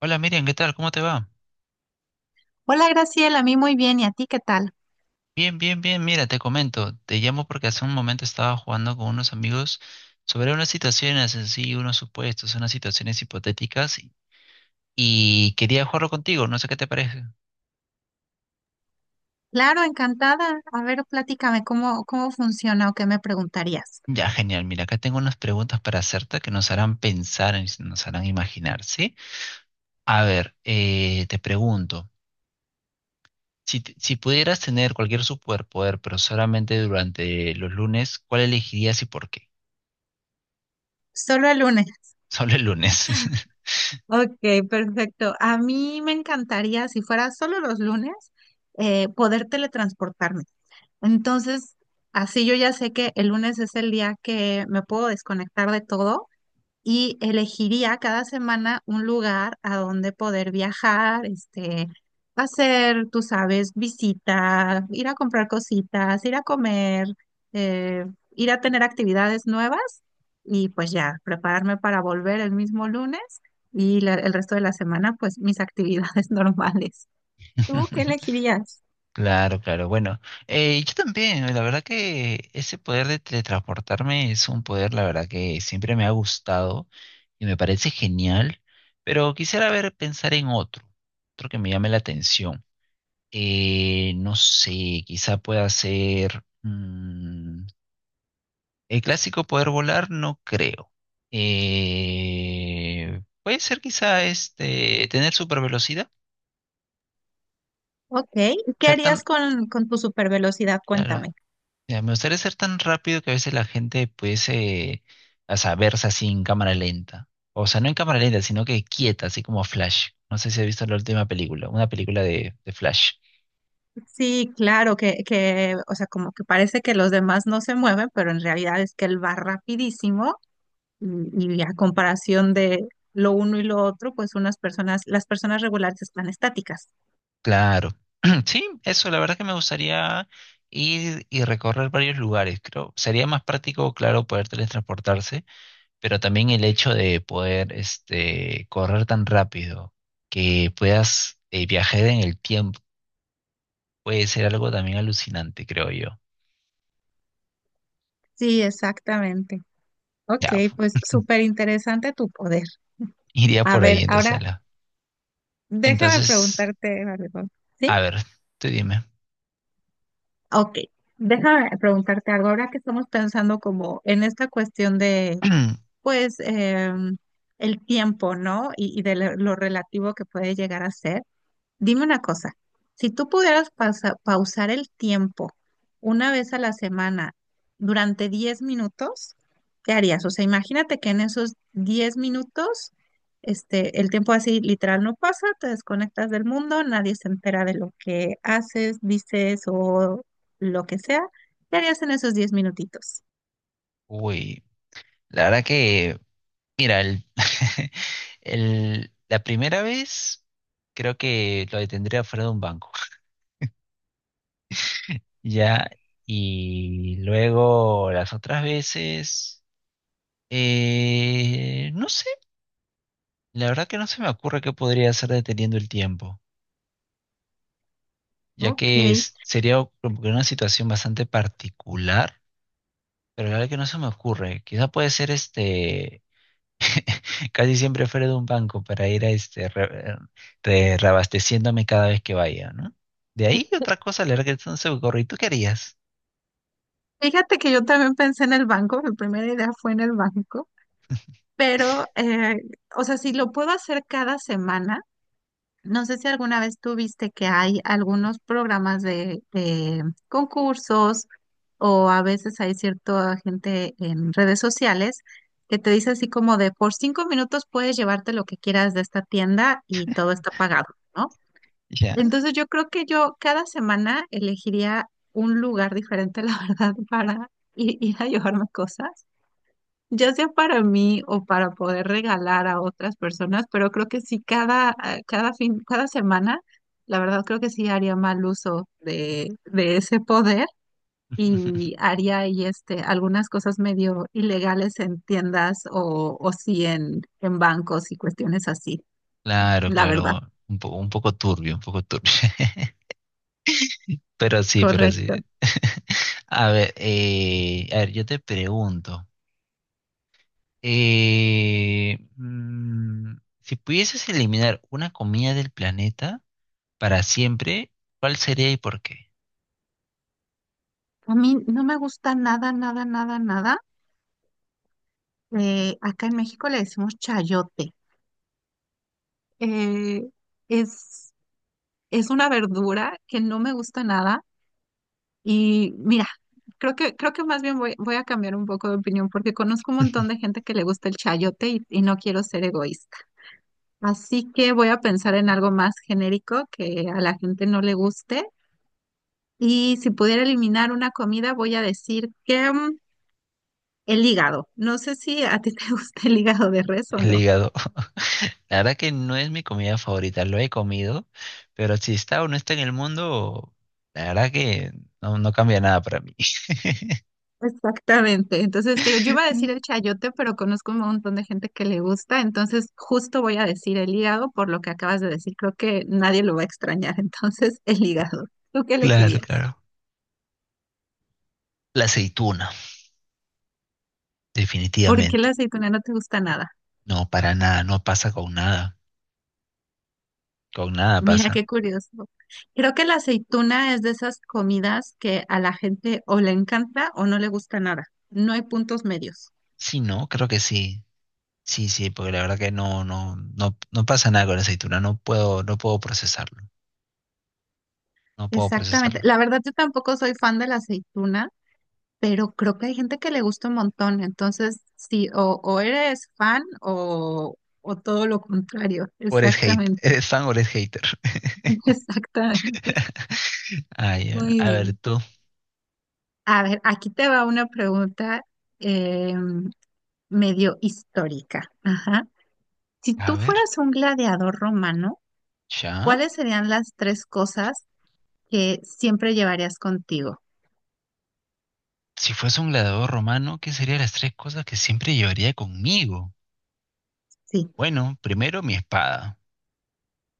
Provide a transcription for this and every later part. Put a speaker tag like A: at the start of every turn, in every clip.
A: Hola Miriam, ¿qué tal? ¿Cómo te va?
B: Hola Graciela, a mí muy bien, ¿y a ti qué tal?
A: Bien, bien, bien. Mira, te comento, te llamo porque hace un momento estaba jugando con unos amigos sobre unas situaciones en sí, unos supuestos, unas situaciones hipotéticas y quería jugarlo contigo, no sé qué te parece.
B: Claro, encantada. A ver, platícame cómo funciona o qué me preguntarías.
A: Ya, genial. Mira, acá tengo unas preguntas para hacerte que nos harán pensar, y nos harán imaginar, ¿sí? A ver, te pregunto, si pudieras tener cualquier superpoder, pero solamente durante los lunes, ¿cuál elegirías y por qué?
B: Solo el lunes.
A: Solo el lunes.
B: Ok, perfecto. A mí me encantaría, si fuera solo los lunes, poder teletransportarme. Entonces, así yo ya sé que el lunes es el día que me puedo desconectar de todo y elegiría cada semana un lugar a donde poder viajar, hacer, tú sabes, visita, ir a comprar cositas, ir a comer, eh, ir a tener actividades nuevas y pues ya, prepararme para volver el mismo lunes y el resto de la semana, pues mis actividades normales. ¿Tú qué elegirías?
A: Claro, claro. Bueno, yo también, la verdad que ese poder de teletransportarme es un poder, la verdad que siempre me ha gustado y me parece genial, pero quisiera ver, pensar en otro, otro que me llame la atención. No sé, quizá pueda ser el clásico poder volar, no creo. Puede ser quizá este, tener super velocidad,
B: Ok, ¿y qué
A: ser tan,
B: harías con tu supervelocidad?
A: claro,
B: Cuéntame.
A: ya, me gustaría ser tan rápido que a veces la gente pudiese, o sea, verse así en cámara lenta. O sea, no en cámara lenta, sino que quieta, así como Flash. No sé si has visto la última película, una película de Flash.
B: Sí, claro, que, o sea, como que parece que los demás no se mueven, pero en realidad es que él va rapidísimo y a comparación de lo uno y lo otro, pues unas personas, las personas regulares están estáticas.
A: Claro. Sí, eso, la verdad que me gustaría ir y recorrer varios lugares. Creo, sería más práctico, claro, poder teletransportarse, pero también el hecho de poder, este, correr tan rápido que puedas viajar en el tiempo puede ser algo también alucinante, creo yo.
B: Sí, exactamente. Ok,
A: Ya,
B: pues súper interesante tu poder.
A: iría
B: A
A: por ahí,
B: ver, ahora
A: entonces.
B: déjame
A: Entonces,
B: preguntarte algo. ¿Sí?
A: a ver, tú dime.
B: Ok, déjame preguntarte algo. Ahora que estamos pensando como en esta cuestión de pues el tiempo, ¿no? Y de lo relativo que puede llegar a ser. Dime una cosa, si tú pudieras pausar el tiempo una vez a la semana durante 10 minutos, ¿qué harías? O sea, imagínate que en esos 10 minutos, el tiempo así literal no pasa, te desconectas del mundo, nadie se entera de lo que haces, dices o lo que sea. ¿Qué harías en esos 10 minutitos?
A: Uy, la verdad que, mira, la primera vez creo que lo detendría fuera de un banco, ya, y luego las otras veces, no sé, la verdad que no se me ocurre qué podría hacer deteniendo el tiempo,
B: Ok,
A: sería como que una situación bastante particular, pero la verdad que no se me ocurre, quizá puede ser este casi siempre fuera de un banco para ir a este reabasteciéndome cada vez que vaya, ¿no? De ahí otra cosa, le regresan su gorro. ¿Y tú qué harías?
B: fíjate que yo también pensé en el banco, mi primera idea fue en el banco, pero, o sea, si lo puedo hacer cada semana, no sé si alguna vez tú viste que hay algunos programas de concursos o a veces hay cierta gente en redes sociales que te dice así como de por 5 minutos puedes llevarte lo que quieras de esta tienda y todo está pagado, ¿no?
A: Ya.
B: Entonces yo creo que yo cada semana elegiría un lugar diferente, la verdad, para ir a llevarme cosas, ya sea para mí o para poder regalar a otras personas, pero creo que sí cada, ah, cada fin, cada semana, la verdad creo que sí haría mal uso de ese poder y haría ahí algunas cosas medio ilegales en tiendas o sí en, bancos y cuestiones así,
A: Claro,
B: la verdad.
A: claro. Un poco turbio, un poco turbio. Pero sí, pero
B: Correcto.
A: sí. A ver, yo te pregunto, eh, mm, si pudieses eliminar una comida del planeta para siempre, ¿cuál sería y por qué?
B: A mí no me gusta nada, nada, nada, nada. Acá en México le decimos chayote. Eh, es, es una verdura que no me gusta nada. Y mira, creo que más bien voy a cambiar un poco de opinión porque conozco un montón de gente que le gusta el chayote y no quiero ser egoísta. Así que voy a pensar en algo más genérico que a la gente no le guste. Y si pudiera eliminar una comida, voy a decir que el hígado. No sé si a ti te gusta el hígado de res o
A: El
B: no.
A: hígado. La verdad que no es mi comida favorita, lo he comido, pero si está o no está en el mundo, la verdad que no, no cambia nada para mí.
B: Exactamente. Entonces, te digo, yo iba a decir el chayote, pero conozco un montón de gente que le gusta, entonces justo voy a decir el hígado por lo que acabas de decir. Creo que nadie lo va a extrañar, entonces el hígado. ¿Tú qué
A: Claro,
B: elegirías?
A: claro. La aceituna,
B: ¿Por qué la
A: definitivamente.
B: aceituna no te gusta nada?
A: No, para nada, no pasa con nada
B: Mira,
A: pasa.
B: qué curioso. Creo que la aceituna es de esas comidas que a la gente o le encanta o no le gusta nada. No hay puntos medios.
A: Sí, no, creo que sí. Sí, sí, porque la verdad que no pasa nada con la aceituna, no puedo procesarlo, no puedo
B: Exactamente.
A: procesarlo.
B: La verdad, yo tampoco soy fan de la aceituna, pero creo que hay gente que le gusta un montón, entonces sí, o eres fan o todo lo contrario,
A: ¿O eres hate,
B: exactamente,
A: eres fan o eres hater?
B: exactamente,
A: Ay,
B: muy
A: a ver
B: bien.
A: tú,
B: A ver, aquí te va una pregunta eh, medio histórica. Ajá. Si tú
A: a ver.
B: fueras un gladiador romano,
A: Ya.
B: ¿cuáles serían las tres cosas que siempre llevarías contigo?
A: Si fuese un gladiador romano, ¿qué serían las tres cosas que siempre llevaría conmigo?
B: Sí,
A: Bueno, primero mi espada.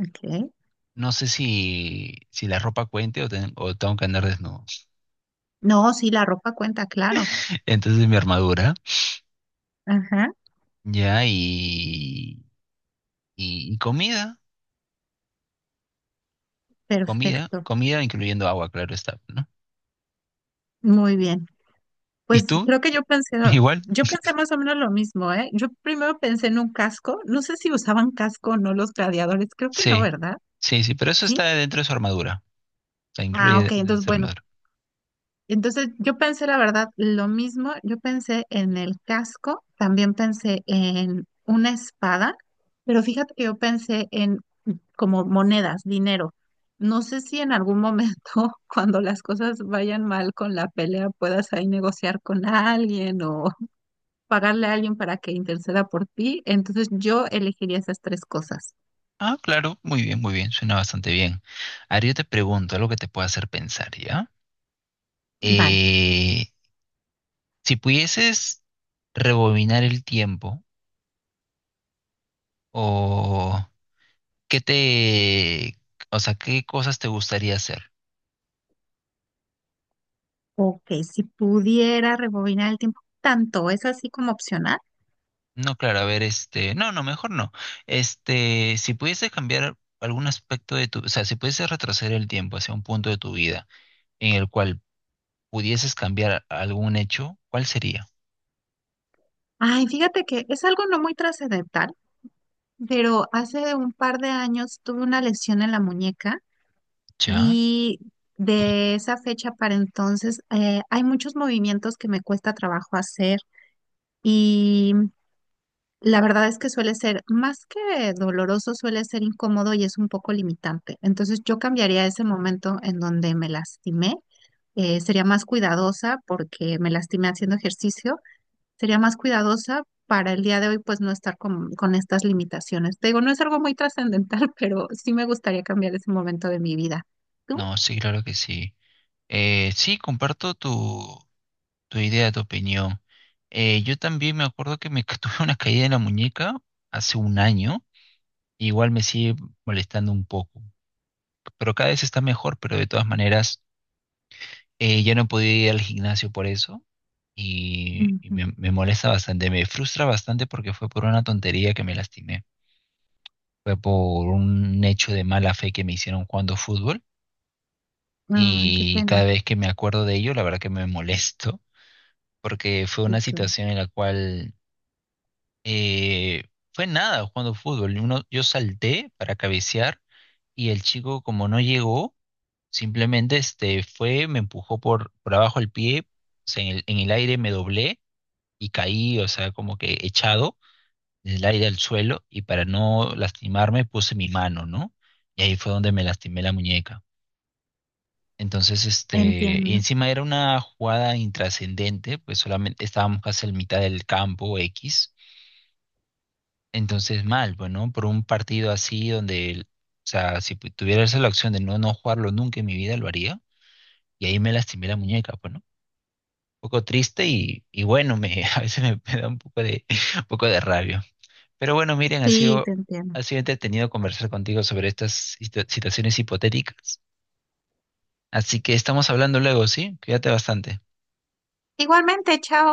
B: ok.
A: No sé si, si la ropa cuente o tengo que andar desnudo.
B: No, sí, la ropa cuenta, claro.
A: Entonces mi armadura.
B: Ajá,
A: Ya, y comida. Comida.
B: perfecto,
A: Comida incluyendo agua, claro está, ¿no?
B: muy bien.
A: ¿Y
B: Pues
A: tú?
B: creo que yo pensé,
A: Igual.
B: yo pensé más o menos lo mismo, ¿eh? Yo primero pensé en un casco, no sé si usaban casco o no los gladiadores, creo que no,
A: Sí.
B: ¿verdad?
A: Sí, sí, pero eso
B: Sí.
A: está dentro de su armadura. La
B: Ah,
A: incluye
B: ok,
A: dentro de
B: entonces
A: su
B: bueno,
A: armadura.
B: entonces yo pensé la verdad lo mismo, yo pensé en el casco, también pensé en una espada, pero fíjate que yo pensé en como monedas, dinero. No sé si en algún momento, cuando las cosas vayan mal con la pelea, puedas ahí negociar con alguien o pagarle a alguien para que interceda por ti, entonces yo elegiría esas tres cosas.
A: Ah, claro. Muy bien, muy bien. Suena bastante bien. Ahora yo te pregunto algo que te pueda hacer pensar, ¿ya?
B: Vale,
A: Eh, si pudieses rebobinar el tiempo, o qué te, o sea, qué cosas te gustaría hacer.
B: ok, si pudiera rebobinar el tiempo tanto, es así como opcional.
A: No, claro, a ver, este, no, no, mejor no. Este, si pudieses cambiar algún aspecto de tu, o sea, si pudieses retroceder el tiempo hacia un punto de tu vida en el cual pudieses cambiar algún hecho, ¿cuál sería?
B: Ay, fíjate que es algo no muy trascendental, pero hace un par de años tuve una lesión en la muñeca
A: ¿Ya?
B: y de esa fecha para entonces hay muchos movimientos que me cuesta trabajo hacer y la verdad es que suele ser, más que doloroso, suele ser incómodo y es un poco limitante. Entonces yo cambiaría ese momento en donde me lastimé. Sería más cuidadosa porque me lastimé haciendo ejercicio. Sería más cuidadosa para el día de hoy, pues no estar con, estas limitaciones. Te digo, no es algo muy trascendental, pero sí me gustaría cambiar ese momento de mi vida. ¿Tú?
A: No, sí, claro que sí. Sí, comparto tu, tu idea, tu opinión. Yo también me acuerdo que me tuve una caída en la muñeca hace un año. Igual me sigue molestando un poco, pero cada vez está mejor, pero de todas maneras ya no podía ir al gimnasio por eso
B: Ujú.
A: me molesta bastante, me frustra bastante porque fue por una tontería que me lastimé, fue por un hecho de mala fe que me hicieron jugando fútbol
B: Ay, qué
A: y cada
B: pena.
A: vez que me acuerdo de ello, la verdad que me molesto porque fue
B: Sí,
A: una
B: claro.
A: situación en la cual eh, fue nada jugando fútbol. Uno, yo salté para cabecear y el chico, como no llegó, simplemente este, fue, me empujó por abajo el pie, o sea, en el aire me doblé y caí, o sea, como que echado del aire al suelo y para no lastimarme puse mi mano, ¿no? Y ahí fue donde me lastimé la muñeca. Entonces, este, y
B: Entiendo.
A: encima era una jugada intrascendente, pues solamente estábamos casi en mitad del campo X. Entonces mal, pues, ¿no? Por un partido así donde, o sea, si pu- tuviera esa la opción de no, no jugarlo nunca en mi vida, lo haría. Y ahí me lastimé la muñeca, pues, ¿no? Un poco triste y bueno, me, a veces me, me da un poco de, un poco de rabia. Pero bueno, miren,
B: Sí, te entiendo.
A: ha sido entretenido conversar contigo sobre estas situaciones hipotéticas. Así que estamos hablando luego, ¿sí? Cuídate bastante.
B: Igualmente, chao.